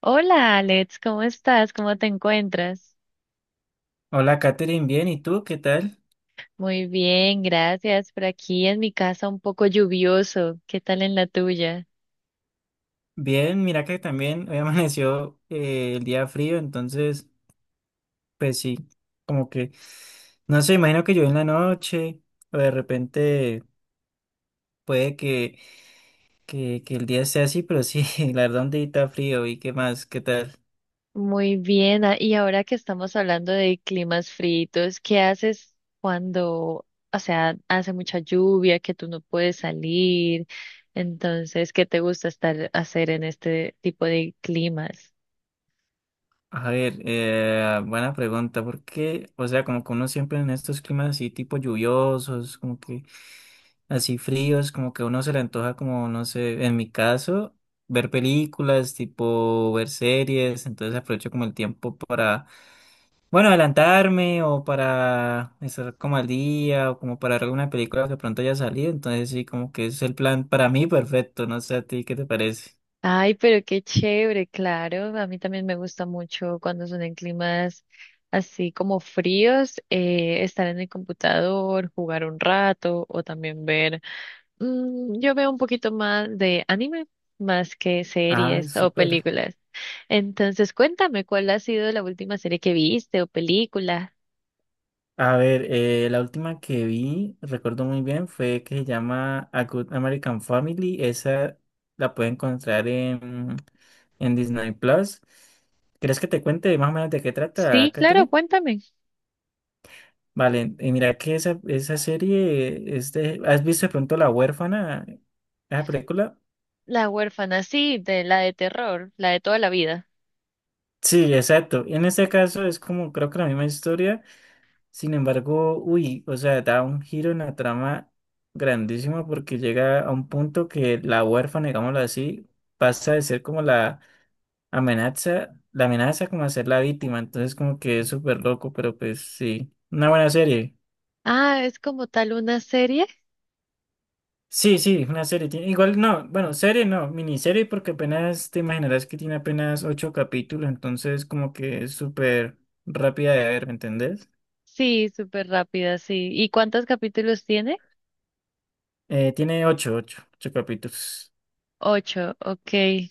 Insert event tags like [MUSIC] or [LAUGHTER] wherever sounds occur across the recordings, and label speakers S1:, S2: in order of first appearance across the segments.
S1: Hola Alex, ¿cómo estás? ¿Cómo te encuentras?
S2: Hola, Katherine, bien, ¿y tú qué tal?
S1: Muy bien, gracias. Por aquí en mi casa un poco lluvioso. ¿Qué tal en la tuya?
S2: Bien, mira que también hoy [LAUGHS] amaneció el día frío, entonces, pues sí, como que, no sé, imagino que yo en la noche, o de repente puede que, que el día sea así, pero sí, [LAUGHS] la verdad un día está frío, ¿y qué más? ¿Qué tal?
S1: Muy bien. Y ahora que estamos hablando de climas fritos, ¿qué haces cuando, o sea, hace mucha lluvia, que tú no puedes salir? Entonces, ¿qué te gusta estar hacer en este tipo de climas?
S2: A ver, buena pregunta, porque, o sea, como que uno siempre en estos climas así tipo lluviosos, como que así fríos, como que a uno se le antoja como, no sé, en mi caso, ver películas, tipo ver series, entonces aprovecho como el tiempo para, bueno, adelantarme o para estar como al día o como para ver alguna película que pronto haya salido, entonces sí, como que es el plan para mí perfecto, no sé a ti, ¿qué te parece?
S1: Ay, pero qué chévere, claro. A mí también me gusta mucho cuando son en climas así como fríos, estar en el computador, jugar un rato o también ver. Yo veo un poquito más de anime, más que
S2: Ay,
S1: series o
S2: súper.
S1: películas. Entonces, cuéntame, ¿cuál ha sido la última serie que viste o película?
S2: A ver, la última que vi, recuerdo muy bien, fue que se llama A Good American Family. Esa la puede encontrar en Disney Plus. ¿Quieres que te cuente más o menos de qué
S1: Sí,
S2: trata,
S1: claro,
S2: Catherine?
S1: cuéntame.
S2: Vale, y mira que esa serie, este, ¿has visto de pronto La Huérfana, esa película?
S1: La huérfana, sí, de la de terror, la de toda la vida.
S2: Sí, exacto. En este caso es como creo que la misma historia. Sin embargo, uy, o sea, da un giro en la trama grandísimo porque llega a un punto que la huérfana, digámoslo así, pasa de ser como la amenaza como a ser la víctima. Entonces, como que es súper loco, pero pues sí, una buena serie.
S1: Ah, es como tal una serie.
S2: Sí, sí, una serie. Tiene- Igual no, bueno, serie no, miniserie porque apenas te imaginarás que tiene apenas ocho capítulos, entonces como que es súper rápida de ver, ¿me entendés?
S1: Sí, súper rápida, sí. ¿Y cuántos capítulos tiene?
S2: Tiene ocho ocho capítulos.
S1: Ocho, ok.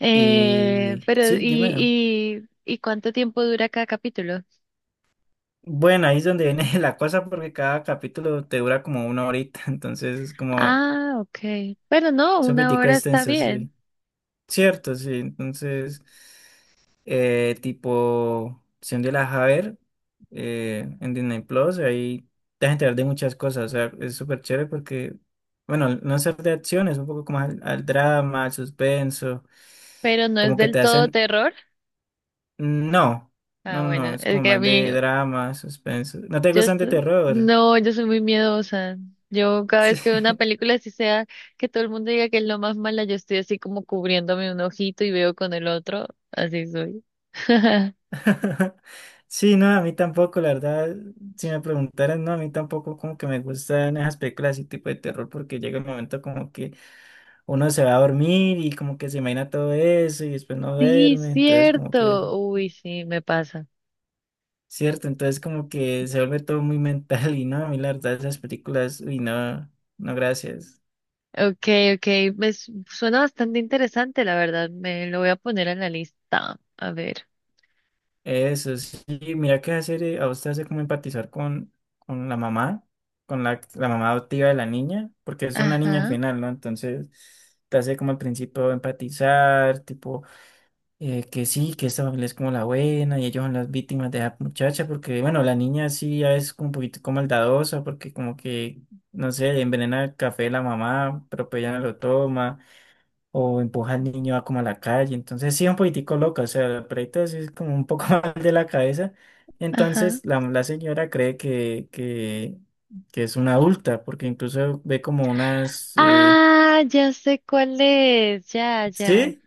S2: Y
S1: Pero,
S2: sí,
S1: ¿y,
S2: dime.
S1: y cuánto tiempo dura cada capítulo?
S2: Bueno, ahí es donde viene [LAUGHS] la cosa porque cada capítulo te dura como una horita, [LAUGHS] entonces es como,
S1: Ah, ok. Bueno, no,
S2: es un
S1: una
S2: poquitico
S1: hora está
S2: extenso,
S1: bien,
S2: sí. Cierto, sí. Entonces, tipo, si un día la vas a ver en Disney Plus, ahí te vas a enterar de muchas cosas, o sea, es súper chévere porque, bueno, no es ser de acción, es un poco como al drama, al suspenso,
S1: pero no es
S2: como que
S1: del
S2: te
S1: todo
S2: hacen.
S1: terror.
S2: Mm, no,
S1: Ah, bueno,
S2: no, es
S1: es
S2: como
S1: que a
S2: más
S1: mí,
S2: de drama, suspenso. ¿No te
S1: yo,
S2: gustan de terror?
S1: no, yo soy muy miedosa. Yo cada
S2: Sí.
S1: vez que veo una película, así sea que todo el mundo diga que es lo más mala, yo estoy así como cubriéndome un ojito y veo con el otro, así soy. [LAUGHS]
S2: [LAUGHS] Sí, no, a mí tampoco, la verdad, si me preguntaran, no, a mí tampoco como que me gustan esas películas y tipo de terror porque llega el momento como que uno se va a dormir y como que se imagina todo eso y después no
S1: Sí,
S2: duerme, entonces como que,
S1: cierto. Uy, sí, me pasa.
S2: cierto, entonces como que se vuelve todo muy [LAUGHS] mental y no, a mí la verdad esas películas, uy, no, no, gracias.
S1: Ok, ok. Suena bastante interesante, la verdad. Me lo voy a poner en la lista. A ver.
S2: Eso sí, mira que hace, a usted hace como empatizar con la mamá, la mamá adoptiva de la niña, porque es una niña al
S1: Ajá,
S2: final, ¿no? Entonces te hace como al principio empatizar, tipo, que sí, que esta familia es como la buena y ellos son las víctimas de la muchacha, porque bueno, la niña sí ya es como un poquito maldadosa, porque como que, no sé, envenena el café de la mamá, pero pues ella no lo toma o empuja al niño a como a la calle. Entonces sí, un poquitico loca, o sea, la perrita sí es como un poco [LAUGHS] mal de la cabeza.
S1: ajá.
S2: Entonces la señora cree que que es una adulta, porque incluso ve como unas...
S1: Ah, ya sé cuál es. Ya, ya.
S2: sí,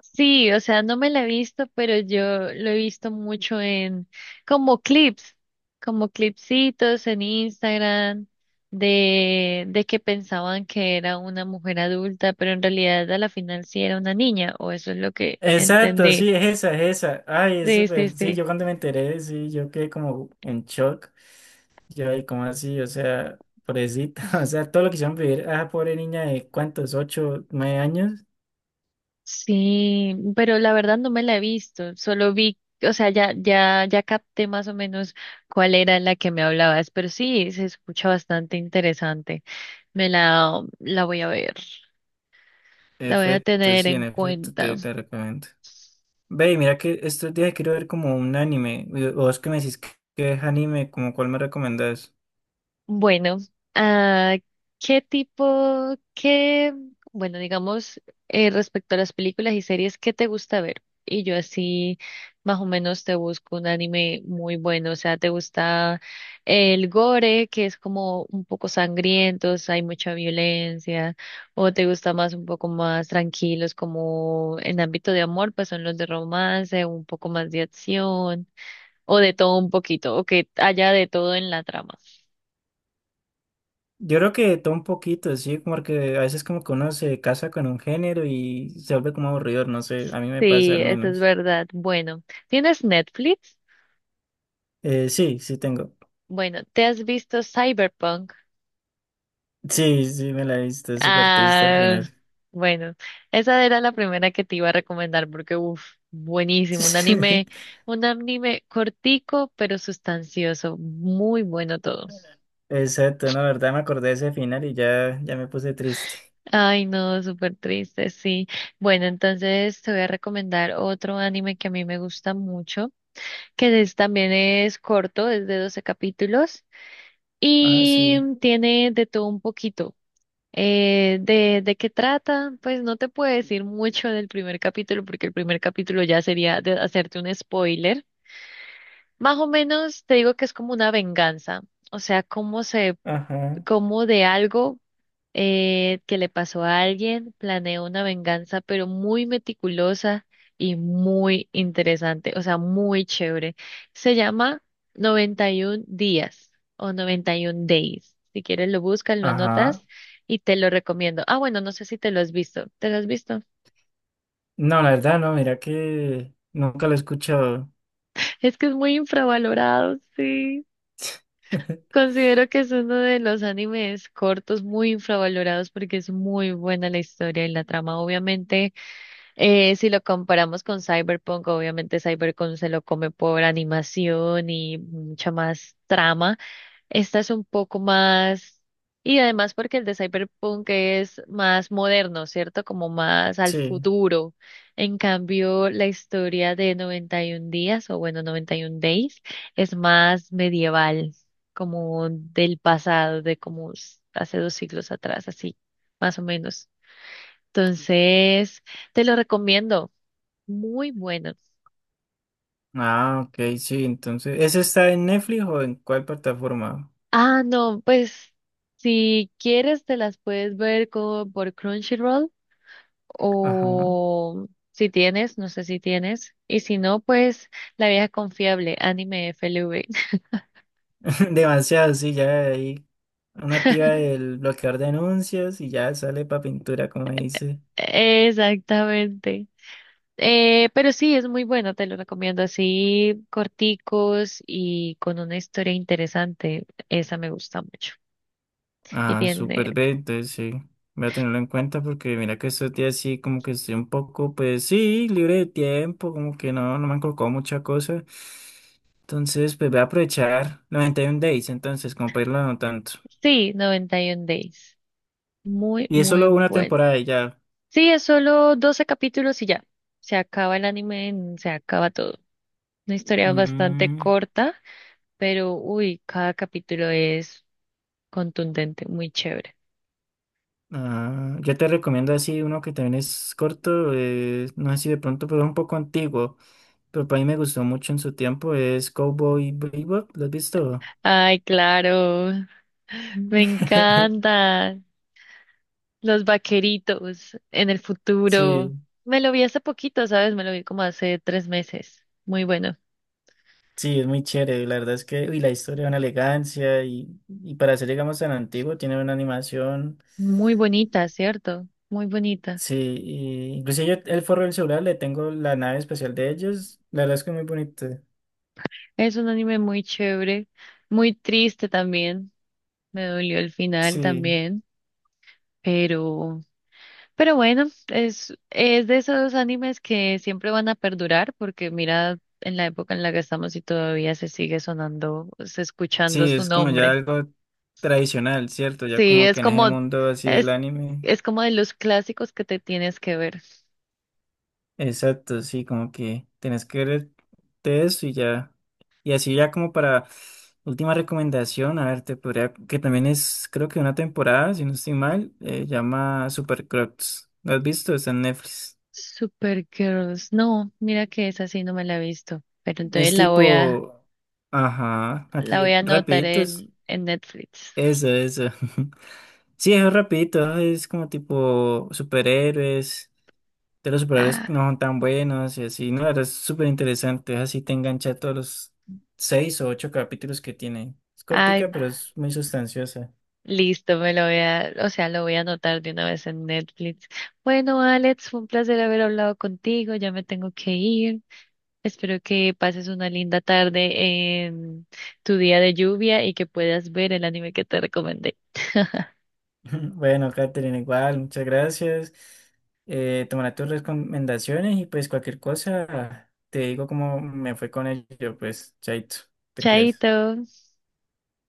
S1: Sí, o sea, no me la he visto, pero yo lo he visto mucho en como clips, como clipsitos en Instagram de que pensaban que era una mujer adulta, pero en realidad a la final sí era una niña, o eso es lo que
S2: exacto,
S1: entendí.
S2: sí, es esa. Ay, es
S1: Sí, sí,
S2: súper, sí,
S1: sí.
S2: yo cuando me enteré, sí, yo quedé como en shock. Yo, ay, ¿cómo así? O sea, pobrecita, [LAUGHS] o sea, todo lo que hicieron vivir a esa pobre niña de cuántos, ocho, nueve años.
S1: Sí, pero la verdad no me la he visto, solo vi, o sea, ya, ya, ya capté más o menos cuál era la que me hablabas, pero sí, se escucha bastante interesante. Me la, la voy a ver. La voy a
S2: Efecto,
S1: tener
S2: sí, en
S1: en
S2: efecto,
S1: cuenta.
S2: te recomiendo. Ve, y mira que estos días quiero ver como un anime. Y vos que me decís que es anime, como cuál me recomendás.
S1: Bueno, ah, ¿qué tipo, qué, bueno, digamos, respecto a las películas y series, ¿qué te gusta ver? Y yo así más o menos te busco un anime muy bueno. O sea, ¿te gusta el gore, que es como un poco sangrientos, hay mucha violencia? ¿O te gusta más un poco más tranquilos, como en ámbito de amor, pues son los de romance, un poco más de acción? O de todo un poquito, o que haya de todo en la trama.
S2: Yo creo que todo un poquito, sí, como que a veces como que uno se casa con un género y se vuelve como aburrido, no sé, a mí me pasa
S1: Sí,
S2: al
S1: eso es
S2: menos.
S1: verdad. Bueno, ¿tienes Netflix?
S2: Sí, sí tengo.
S1: Bueno, ¿te has visto Cyberpunk?
S2: Sí, sí, me la he visto, es súper triste al
S1: Ah,
S2: final.
S1: bueno, esa era la primera que te iba a recomendar porque, uff, buenísimo.
S2: [LAUGHS]
S1: Un anime cortico, pero sustancioso. Muy bueno todo.
S2: Exacto, no, la verdad me acordé de ese final y ya, ya me puse triste.
S1: Ay, no, súper triste, sí. Bueno, entonces te voy a recomendar otro anime que a mí me gusta mucho. Que es, también es corto, es de 12 capítulos
S2: Ah,
S1: y
S2: sí.
S1: tiene de todo un poquito. ¿De qué trata? Pues no te puedo decir mucho del primer capítulo porque el primer capítulo ya sería de hacerte un spoiler. Más o menos te digo que es como una venganza, o sea, cómo se,
S2: Ajá.
S1: cómo de algo que le pasó a alguien, planeó una venganza, pero muy meticulosa y muy interesante, o sea, muy chévere. Se llama 91 días o 91 days. Si quieres lo buscas, lo
S2: Ajá.
S1: anotas y te lo recomiendo. Ah, bueno, no sé si te lo has visto. ¿Te lo has visto?
S2: No, la verdad, no, mira que nunca lo he escuchado.
S1: Es que es muy infravalorado, sí.
S2: [LAUGHS]
S1: Considero que es uno de los animes cortos muy infravalorados porque es muy buena la historia y la trama. Obviamente, si lo comparamos con Cyberpunk, obviamente Cyberpunk se lo come por animación y mucha más trama. Esta es un poco más, y además porque el de Cyberpunk es más moderno, ¿cierto? Como más al
S2: Sí.
S1: futuro. En cambio, la historia de 91 días, o bueno, 91 Days, es más medieval, como del pasado, de como hace 2 siglos atrás, así, más o menos. Entonces, te lo recomiendo. Muy bueno.
S2: Ah, ok, sí, entonces, ¿ese está en Netflix o en cuál plataforma?
S1: Ah, no, pues si quieres te las puedes ver por Crunchyroll
S2: Ajá,
S1: o si tienes, no sé si tienes, y si no, pues La Vieja Confiable, Anime FLV.
S2: [LAUGHS] demasiado, sí, ya ahí una activa
S1: [LAUGHS]
S2: del bloqueador de anuncios y ya sale para pintura, como dice.
S1: Exactamente. Pero sí, es muy bueno, te lo recomiendo así, corticos y con una historia interesante. Esa me gusta mucho. Y
S2: Ah, súper
S1: tiene,
S2: bien, entonces sí, voy a tenerlo en cuenta porque mira que estos días sí, como que estoy un poco, pues sí, libre de tiempo, como que no, no me han colocado mucha cosa. Entonces, pues voy a aprovechar 91 Days, entonces, como para irlo no tanto.
S1: sí, 91 Days. Muy,
S2: Y es solo
S1: muy
S2: una
S1: bueno.
S2: temporada y ya.
S1: Sí, es solo 12 capítulos y ya. Se acaba el anime, se acaba todo. Una historia bastante
S2: Mm.
S1: corta, pero uy, cada capítulo es contundente, muy chévere.
S2: Ah, yo te recomiendo así uno que también es corto, no sé si de pronto, pero es un poco antiguo, pero para mí me gustó mucho en su tiempo, es Cowboy Bebop, ¿lo has visto?
S1: Ay, claro,
S2: Mm.
S1: me
S2: [LAUGHS]
S1: encanta. Los vaqueritos en el futuro.
S2: Sí,
S1: Me lo vi hace poquito, ¿sabes? Me lo vi como hace 3 meses. Muy bueno.
S2: sí, es muy chévere, la verdad es que, uy, la historia de una elegancia y para ser, digamos, tan antiguo, tiene una animación,
S1: Muy bonita, ¿cierto? Muy bonita.
S2: sí, y incluso yo el forro del celular le tengo la nave especial de ellos, la verdad es que es muy bonito,
S1: Es un anime muy chévere, muy triste también. Me dolió el final
S2: sí.
S1: también, pero, pero bueno, es de esos animes que siempre van a perdurar, porque mira en la época en la que estamos y todavía se sigue sonando, se escuchando
S2: Sí,
S1: su
S2: es como ya
S1: nombre.
S2: algo tradicional, ¿cierto? Ya
S1: Sí,
S2: como que en ese mundo así del
S1: es,
S2: anime.
S1: es como de los clásicos que te tienes que ver.
S2: Exacto, sí, como que tenés que ver de eso y ya. Y así ya como para última recomendación, a ver, te podría, que también es, creo que una temporada, si no estoy mal, llama Super Crocs. ¿Lo has visto? Está en Netflix.
S1: Supergirls, no, mira que esa sí no me la he visto, pero entonces
S2: Es tipo, ajá,
S1: la
S2: aquí
S1: voy a anotar
S2: rapidito es
S1: en Netflix.
S2: eso, eso. [LAUGHS] Sí, es rapidito, es como tipo superhéroes de los superhéroes no
S1: Ah,
S2: son tan buenos y así, no, ahora es súper interesante, así te engancha todos los seis o ocho capítulos que tiene. Es
S1: ay.
S2: cortica, pero es muy sustanciosa.
S1: Listo, me lo voy a, o sea, lo voy a anotar de una vez en Netflix. Bueno, Alex, fue un placer haber hablado contigo, ya me tengo que ir. Espero que pases una linda tarde en tu día de lluvia y que puedas ver el anime que te recomendé. [LAUGHS]
S2: [LAUGHS] Bueno, Catherine, igual, muchas gracias. Tomaré tus recomendaciones y pues cualquier cosa te digo cómo me fue con ello, pues, chaito, te cuidas.
S1: Chaito.